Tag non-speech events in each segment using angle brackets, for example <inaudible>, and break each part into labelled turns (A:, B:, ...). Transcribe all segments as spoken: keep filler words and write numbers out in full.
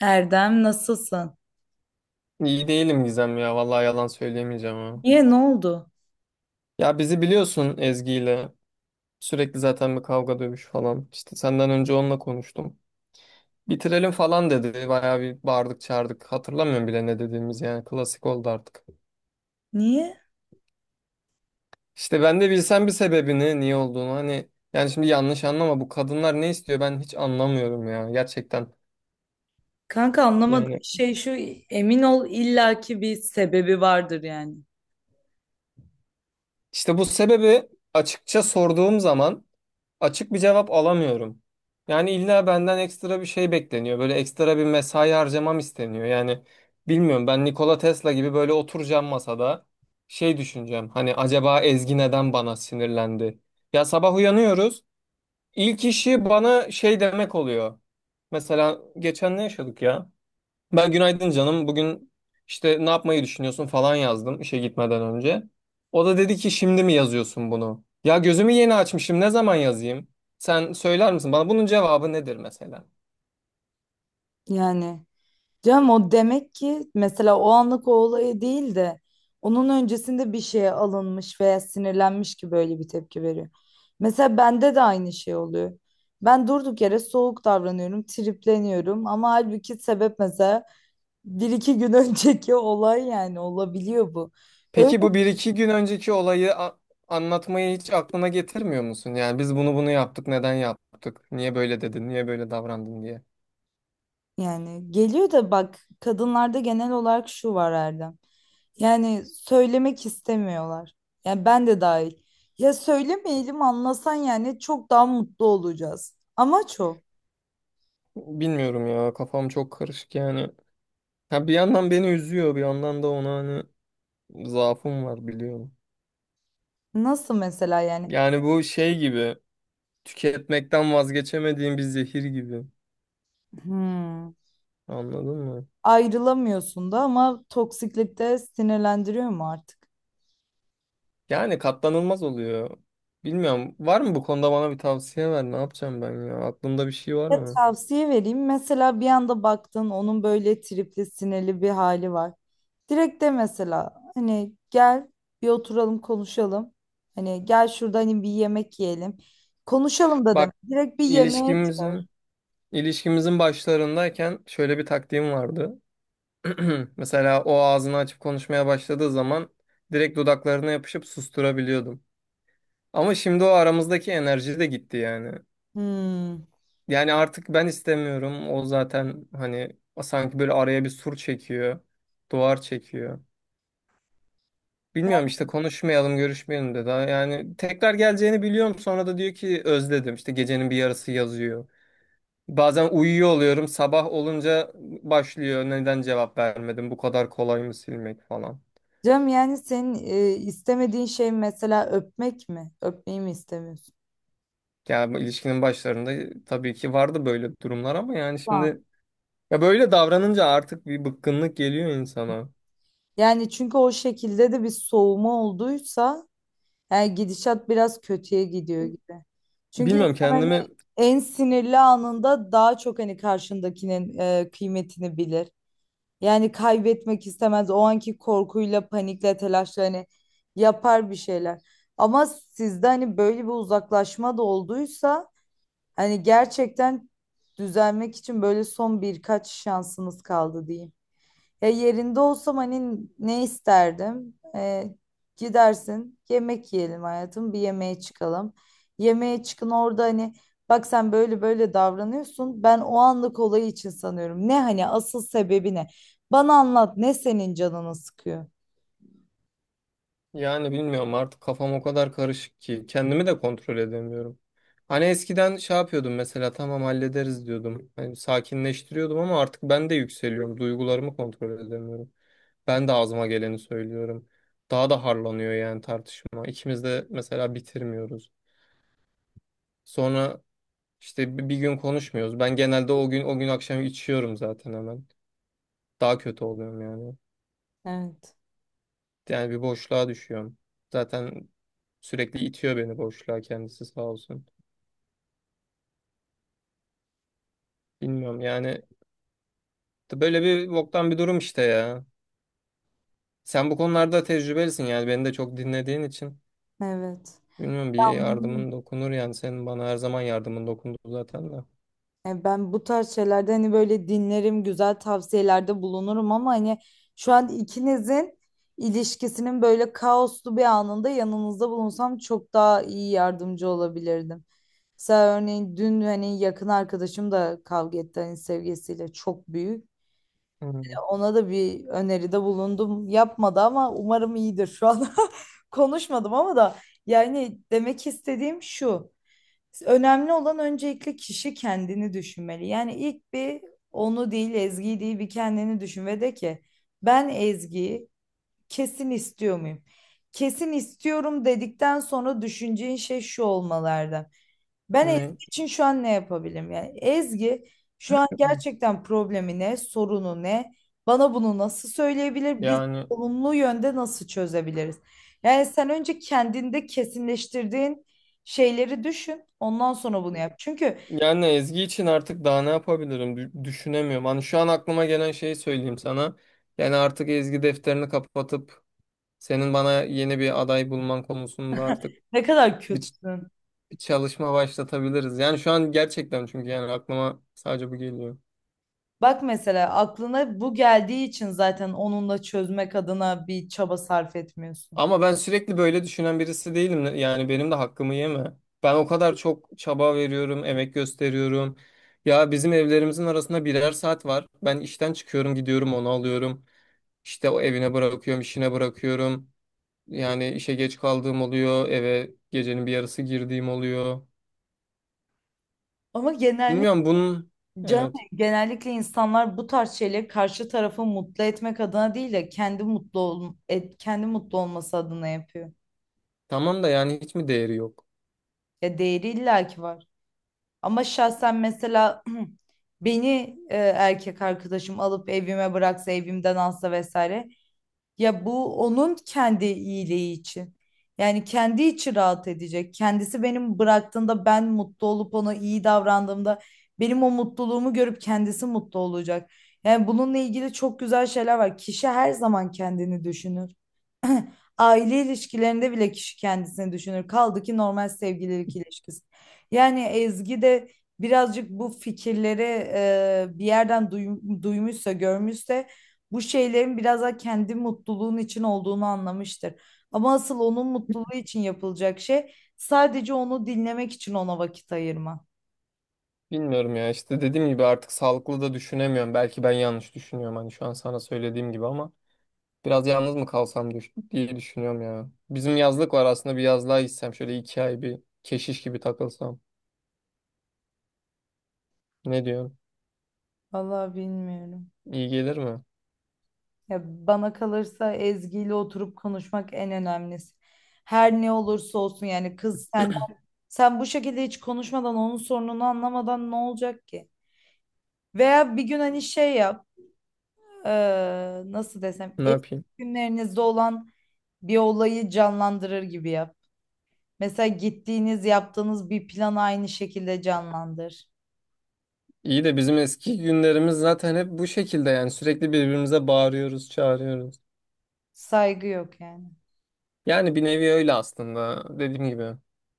A: Erdem nasılsın?
B: İyi değilim Gizem ya. Vallahi yalan söyleyemeyeceğim ha.
A: Niye ne oldu?
B: Ya bizi biliyorsun Ezgi ile. Sürekli zaten bir kavga dövüş falan. İşte senden önce onunla konuştum. Bitirelim falan dedi. Bayağı bir bağırdık çağırdık. Hatırlamıyorum bile ne dediğimiz yani. Klasik oldu artık.
A: Niye?
B: İşte ben de bilsem bir sebebini niye olduğunu hani. Yani şimdi yanlış anlama, bu kadınlar ne istiyor ben hiç anlamıyorum ya gerçekten.
A: Kanka anlamadım.
B: Yani
A: Şey şu emin ol illaki bir sebebi vardır yani.
B: işte bu sebebi açıkça sorduğum zaman açık bir cevap alamıyorum. Yani illa benden ekstra bir şey bekleniyor. Böyle ekstra bir mesai harcamam isteniyor. Yani bilmiyorum, ben Nikola Tesla gibi böyle oturacağım masada şey düşüneceğim. Hani acaba Ezgi neden bana sinirlendi? Ya sabah uyanıyoruz. İlk işi bana şey demek oluyor. Mesela geçen ne yaşadık ya? Ben günaydın canım, bugün işte ne yapmayı düşünüyorsun falan yazdım işe gitmeden önce. O da dedi ki şimdi mi yazıyorsun bunu? Ya gözümü yeni açmışım. Ne zaman yazayım? Sen söyler misin bana bunun cevabı nedir mesela?
A: Yani. Canım o demek ki mesela o anlık o olayı değil de onun öncesinde bir şeye alınmış veya sinirlenmiş ki böyle bir tepki veriyor. Mesela bende de aynı şey oluyor. Ben durduk yere soğuk davranıyorum, tripleniyorum ama halbuki sebep mesela bir iki gün <laughs> önceki olay yani olabiliyor bu. Öyle
B: Peki bu bir iki gün önceki olayı a- anlatmayı hiç aklına getirmiyor musun? Yani biz bunu bunu yaptık. Neden yaptık? Niye böyle dedin? Niye böyle davrandın diye.
A: yani geliyor da bak kadınlarda genel olarak şu var Erdem. Yani söylemek istemiyorlar. Yani ben de dahil. Ya söylemeyelim anlasan yani çok daha mutlu olacağız. Amaç o.
B: Bilmiyorum ya. Kafam çok karışık yani. Ha bir yandan beni üzüyor, bir yandan da ona, hani zaafım var biliyorum.
A: Nasıl mesela yani?
B: Yani bu şey gibi. Tüketmekten vazgeçemediğim bir zehir gibi.
A: Hmm,
B: Anladın mı?
A: ayrılamıyorsun da ama toksiklikte sinirlendiriyor mu artık?
B: Yani katlanılmaz oluyor. Bilmiyorum. Var mı bu konuda bana bir tavsiye ver? Ne yapacağım ben ya? Aklında bir şey var
A: Ya
B: mı?
A: tavsiye vereyim. Mesela bir anda baktın onun böyle tripli sinirli bir hali var. Direkt de mesela hani gel bir oturalım konuşalım. Hani gel şurada hani bir yemek yiyelim. Konuşalım da deme.
B: Bak,
A: Direkt bir yemeğe.
B: ilişkimizin ilişkimizin başlarındayken şöyle bir taktiğim vardı. <clears throat> Mesela o ağzını açıp konuşmaya başladığı zaman direkt dudaklarına yapışıp susturabiliyordum. Ama şimdi o aramızdaki enerji de gitti yani.
A: Hmm.
B: Yani artık ben istemiyorum. O zaten hani sanki böyle araya bir sur çekiyor. Duvar çekiyor. Bilmiyorum işte, konuşmayalım, görüşmeyelim dedi. Yani tekrar geleceğini biliyorum. Sonra da diyor ki özledim. İşte gecenin bir yarısı yazıyor. Bazen uyuyor oluyorum. Sabah olunca başlıyor. Neden cevap vermedim? Bu kadar kolay mı silmek falan.
A: Cem yani senin e, istemediğin şey mesela öpmek mi? Öpmeyi mi istemiyorsun?
B: Yani bu ilişkinin başlarında tabii ki vardı böyle durumlar ama yani
A: Tamam.
B: şimdi ya böyle davranınca artık bir bıkkınlık geliyor insana.
A: Yani çünkü o şekilde de bir soğuma olduysa yani gidişat biraz kötüye gidiyor gibi. Çünkü
B: Bilmiyorum
A: insan hani
B: kendimi.
A: en sinirli anında daha çok hani karşındakinin e, kıymetini bilir. Yani kaybetmek istemez. O anki korkuyla, panikle, telaşla hani yapar bir şeyler. Ama sizde hani böyle bir uzaklaşma da olduysa. Hani gerçekten düzelmek için böyle son birkaç şansınız kaldı diyeyim. Ya yerinde olsam hani ne isterdim? Ee, gidersin yemek yiyelim hayatım bir yemeğe çıkalım. Yemeğe çıkın orada hani bak sen böyle böyle davranıyorsun. Ben o anlık olayı için sanıyorum. Ne hani asıl sebebi ne? Bana anlat ne senin canını sıkıyor?
B: Yani bilmiyorum, artık kafam o kadar karışık ki kendimi de kontrol edemiyorum. Hani eskiden şey yapıyordum mesela, tamam hallederiz diyordum. Hani sakinleştiriyordum ama artık ben de yükseliyorum. Duygularımı kontrol edemiyorum. Ben de ağzıma geleni söylüyorum. Daha da harlanıyor yani tartışma. İkimiz de mesela bitirmiyoruz. Sonra işte bi- bir gün konuşmuyoruz. Ben genelde o gün o gün akşam içiyorum zaten hemen. Daha kötü oluyorum yani.
A: Evet.
B: Yani bir boşluğa düşüyorum. Zaten sürekli itiyor beni boşluğa kendisi sağ olsun. Bilmiyorum yani, böyle bir boktan bir durum işte ya. Sen bu konularda tecrübelisin yani, beni de çok dinlediğin için.
A: Evet.
B: Bilmiyorum, bir
A: Anlıyorum.
B: yardımın dokunur yani, senin bana her zaman yardımın dokundu zaten de.
A: Yani ben bu tarz şeylerde hani böyle dinlerim, güzel tavsiyelerde bulunurum ama hani şu an ikinizin ilişkisinin böyle kaoslu bir anında yanınızda bulunsam çok daha iyi yardımcı olabilirdim. Mesela örneğin dün hani yakın arkadaşım da kavga etti hani sevgisiyle çok büyük.
B: Hmm.
A: Ona da bir öneride bulundum. Yapmadı ama umarım iyidir şu an. <laughs> Konuşmadım ama da yani demek istediğim şu. Önemli olan öncelikle kişi kendini düşünmeli. Yani ilk bir onu değil Ezgi'yi değil bir kendini düşün ve de ki ben Ezgi'yi kesin istiyor muyum? Kesin istiyorum dedikten sonra düşüneceğin şey şu olmalarda. Ben
B: Ne?
A: Ezgi için şu an ne yapabilirim? Yani Ezgi şu an gerçekten problemi ne, sorunu ne? Bana bunu nasıl söyleyebilir? Biz
B: Yani
A: olumlu yönde nasıl çözebiliriz? Yani sen önce kendinde kesinleştirdiğin şeyleri düşün. Ondan sonra bunu yap. Çünkü
B: yani Ezgi için artık daha ne yapabilirim? Dü- düşünemiyorum. Hani şu an aklıma gelen şeyi söyleyeyim sana. Yani artık Ezgi defterini kapatıp senin bana yeni bir aday bulman konusunda artık
A: ne kadar
B: bir ç-
A: kötüsün.
B: bir çalışma başlatabiliriz. Yani şu an gerçekten, çünkü yani aklıma sadece bu geliyor.
A: Bak mesela aklına bu geldiği için zaten onunla çözmek adına bir çaba sarf etmiyorsun.
B: Ama ben sürekli böyle düşünen birisi değilim. Yani benim de hakkımı yeme. Ben o kadar çok çaba veriyorum, emek gösteriyorum. Ya bizim evlerimizin arasında birer saat var. Ben işten çıkıyorum, gidiyorum, onu alıyorum. İşte o evine bırakıyorum, işine bırakıyorum. Yani işe geç kaldığım oluyor, eve gecenin bir yarısı girdiğim oluyor.
A: Ama genellikle
B: Bilmiyorum bunun,
A: canım,
B: evet.
A: genellikle insanlar bu tarz şeyleri karşı tarafı mutlu etmek adına değil de kendi mutlu ol, et, kendi mutlu olması adına yapıyor.
B: Tamam da yani hiç mi değeri yok?
A: Ya değeri illaki var. Ama şahsen mesela <clears throat> beni e, erkek arkadaşım alıp evime bıraksa, evimden alsa vesaire. Ya bu onun kendi iyiliği için. Yani kendi içi rahat edecek. Kendisi benim bıraktığımda ben mutlu olup ona iyi davrandığımda benim o mutluluğumu görüp kendisi mutlu olacak. Yani bununla ilgili çok güzel şeyler var. Kişi her zaman kendini düşünür. Aile ilişkilerinde bile kişi kendisini düşünür. Kaldı ki normal sevgililik ilişkisi. Yani Ezgi de birazcık bu fikirleri e, bir yerden duym- duymuşsa, görmüşse bu şeylerin biraz da kendi mutluluğun için olduğunu anlamıştır. Ama asıl onun mutluluğu için yapılacak şey sadece onu dinlemek için ona vakit ayırma.
B: Bilmiyorum ya, işte dediğim gibi artık sağlıklı da düşünemiyorum. Belki ben yanlış düşünüyorum hani şu an sana söylediğim gibi ama. Biraz yalnız mı kalsam düş- diye düşünüyorum ya. Bizim yazlık var aslında, bir yazlığa gitsem şöyle iki ay bir keşiş gibi takılsam. Ne diyorsun?
A: Vallahi bilmiyorum.
B: İyi gelir mi?
A: Ya bana kalırsa Ezgi ile oturup konuşmak en önemlisi. Her ne olursa olsun yani kız sen. Sen bu şekilde hiç konuşmadan onun sorununu anlamadan ne olacak ki? Veya bir gün hani şey yap, eee, nasıl desem,
B: Ne
A: eski
B: yapayım?
A: günlerinizde olan bir olayı canlandırır gibi yap. Mesela gittiğiniz, yaptığınız bir planı aynı şekilde canlandır.
B: İyi de bizim eski günlerimiz zaten hep bu şekilde, yani sürekli birbirimize bağırıyoruz, çağırıyoruz.
A: Saygı yok yani.
B: Yani bir nevi öyle aslında, dediğim gibi.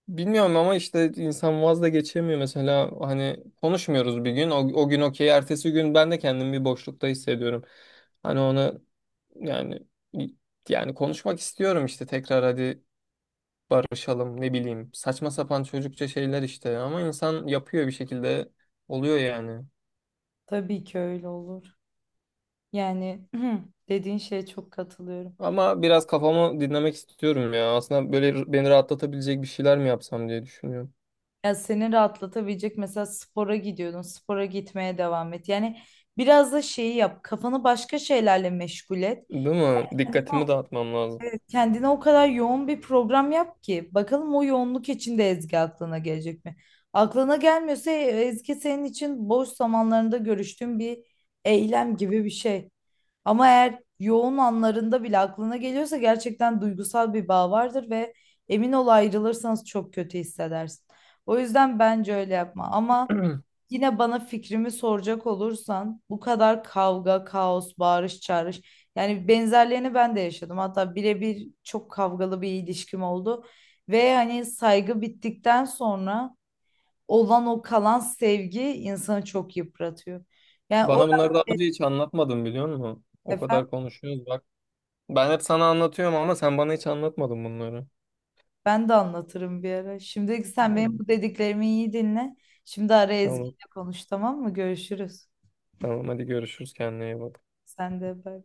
B: Bilmiyorum ama işte insan vaz da geçemiyor mesela, hani konuşmuyoruz bir gün, o, o gün okey, ertesi gün ben de kendimi bir boşlukta hissediyorum. Hani ona. Yani yani konuşmak istiyorum işte, tekrar hadi barışalım ne bileyim. Saçma sapan çocukça şeyler işte ama insan yapıyor bir şekilde, oluyor yani.
A: Tabii ki öyle olur. Yani <clears throat> dediğin şeye çok katılıyorum.
B: Ama biraz kafamı dinlemek istiyorum ya. Aslında böyle beni rahatlatabilecek bir şeyler mi yapsam diye düşünüyorum.
A: Ya seni rahatlatabilecek mesela spora gidiyordun, spora gitmeye devam et. Yani biraz da şeyi yap, kafanı başka şeylerle meşgul et.
B: Değil mi?
A: Yani
B: Dikkatimi dağıtmam lazım.
A: kendine o kadar yoğun bir program yap ki bakalım o yoğunluk içinde Ezgi aklına gelecek mi? Aklına gelmiyorsa Ezgi senin için boş zamanlarında görüştüğün bir eylem gibi bir şey. Ama eğer yoğun anlarında bile aklına geliyorsa gerçekten duygusal bir bağ vardır ve emin ol ayrılırsanız çok kötü hissedersin. O yüzden bence öyle yapma. Ama yine bana fikrimi soracak olursan bu kadar kavga, kaos, bağırış, çağırış. Yani benzerlerini ben de yaşadım. Hatta birebir çok kavgalı bir ilişkim oldu. Ve hani saygı bittikten sonra olan o kalan sevgi insanı çok yıpratıyor. Yani o
B: Bana bunları daha önce
A: <laughs>
B: hiç anlatmadın biliyor musun? O
A: efendim
B: kadar konuşuyoruz bak. Ben hep sana anlatıyorum ama sen bana hiç anlatmadın bunları.
A: ben de anlatırım bir ara. Şimdi
B: Hı.
A: sen benim bu dediklerimi iyi dinle. Şimdi ara
B: Tamam.
A: Ezgi'yle konuş tamam mı? Görüşürüz.
B: Tamam hadi görüşürüz, kendine iyi bak.
A: Sen de bay.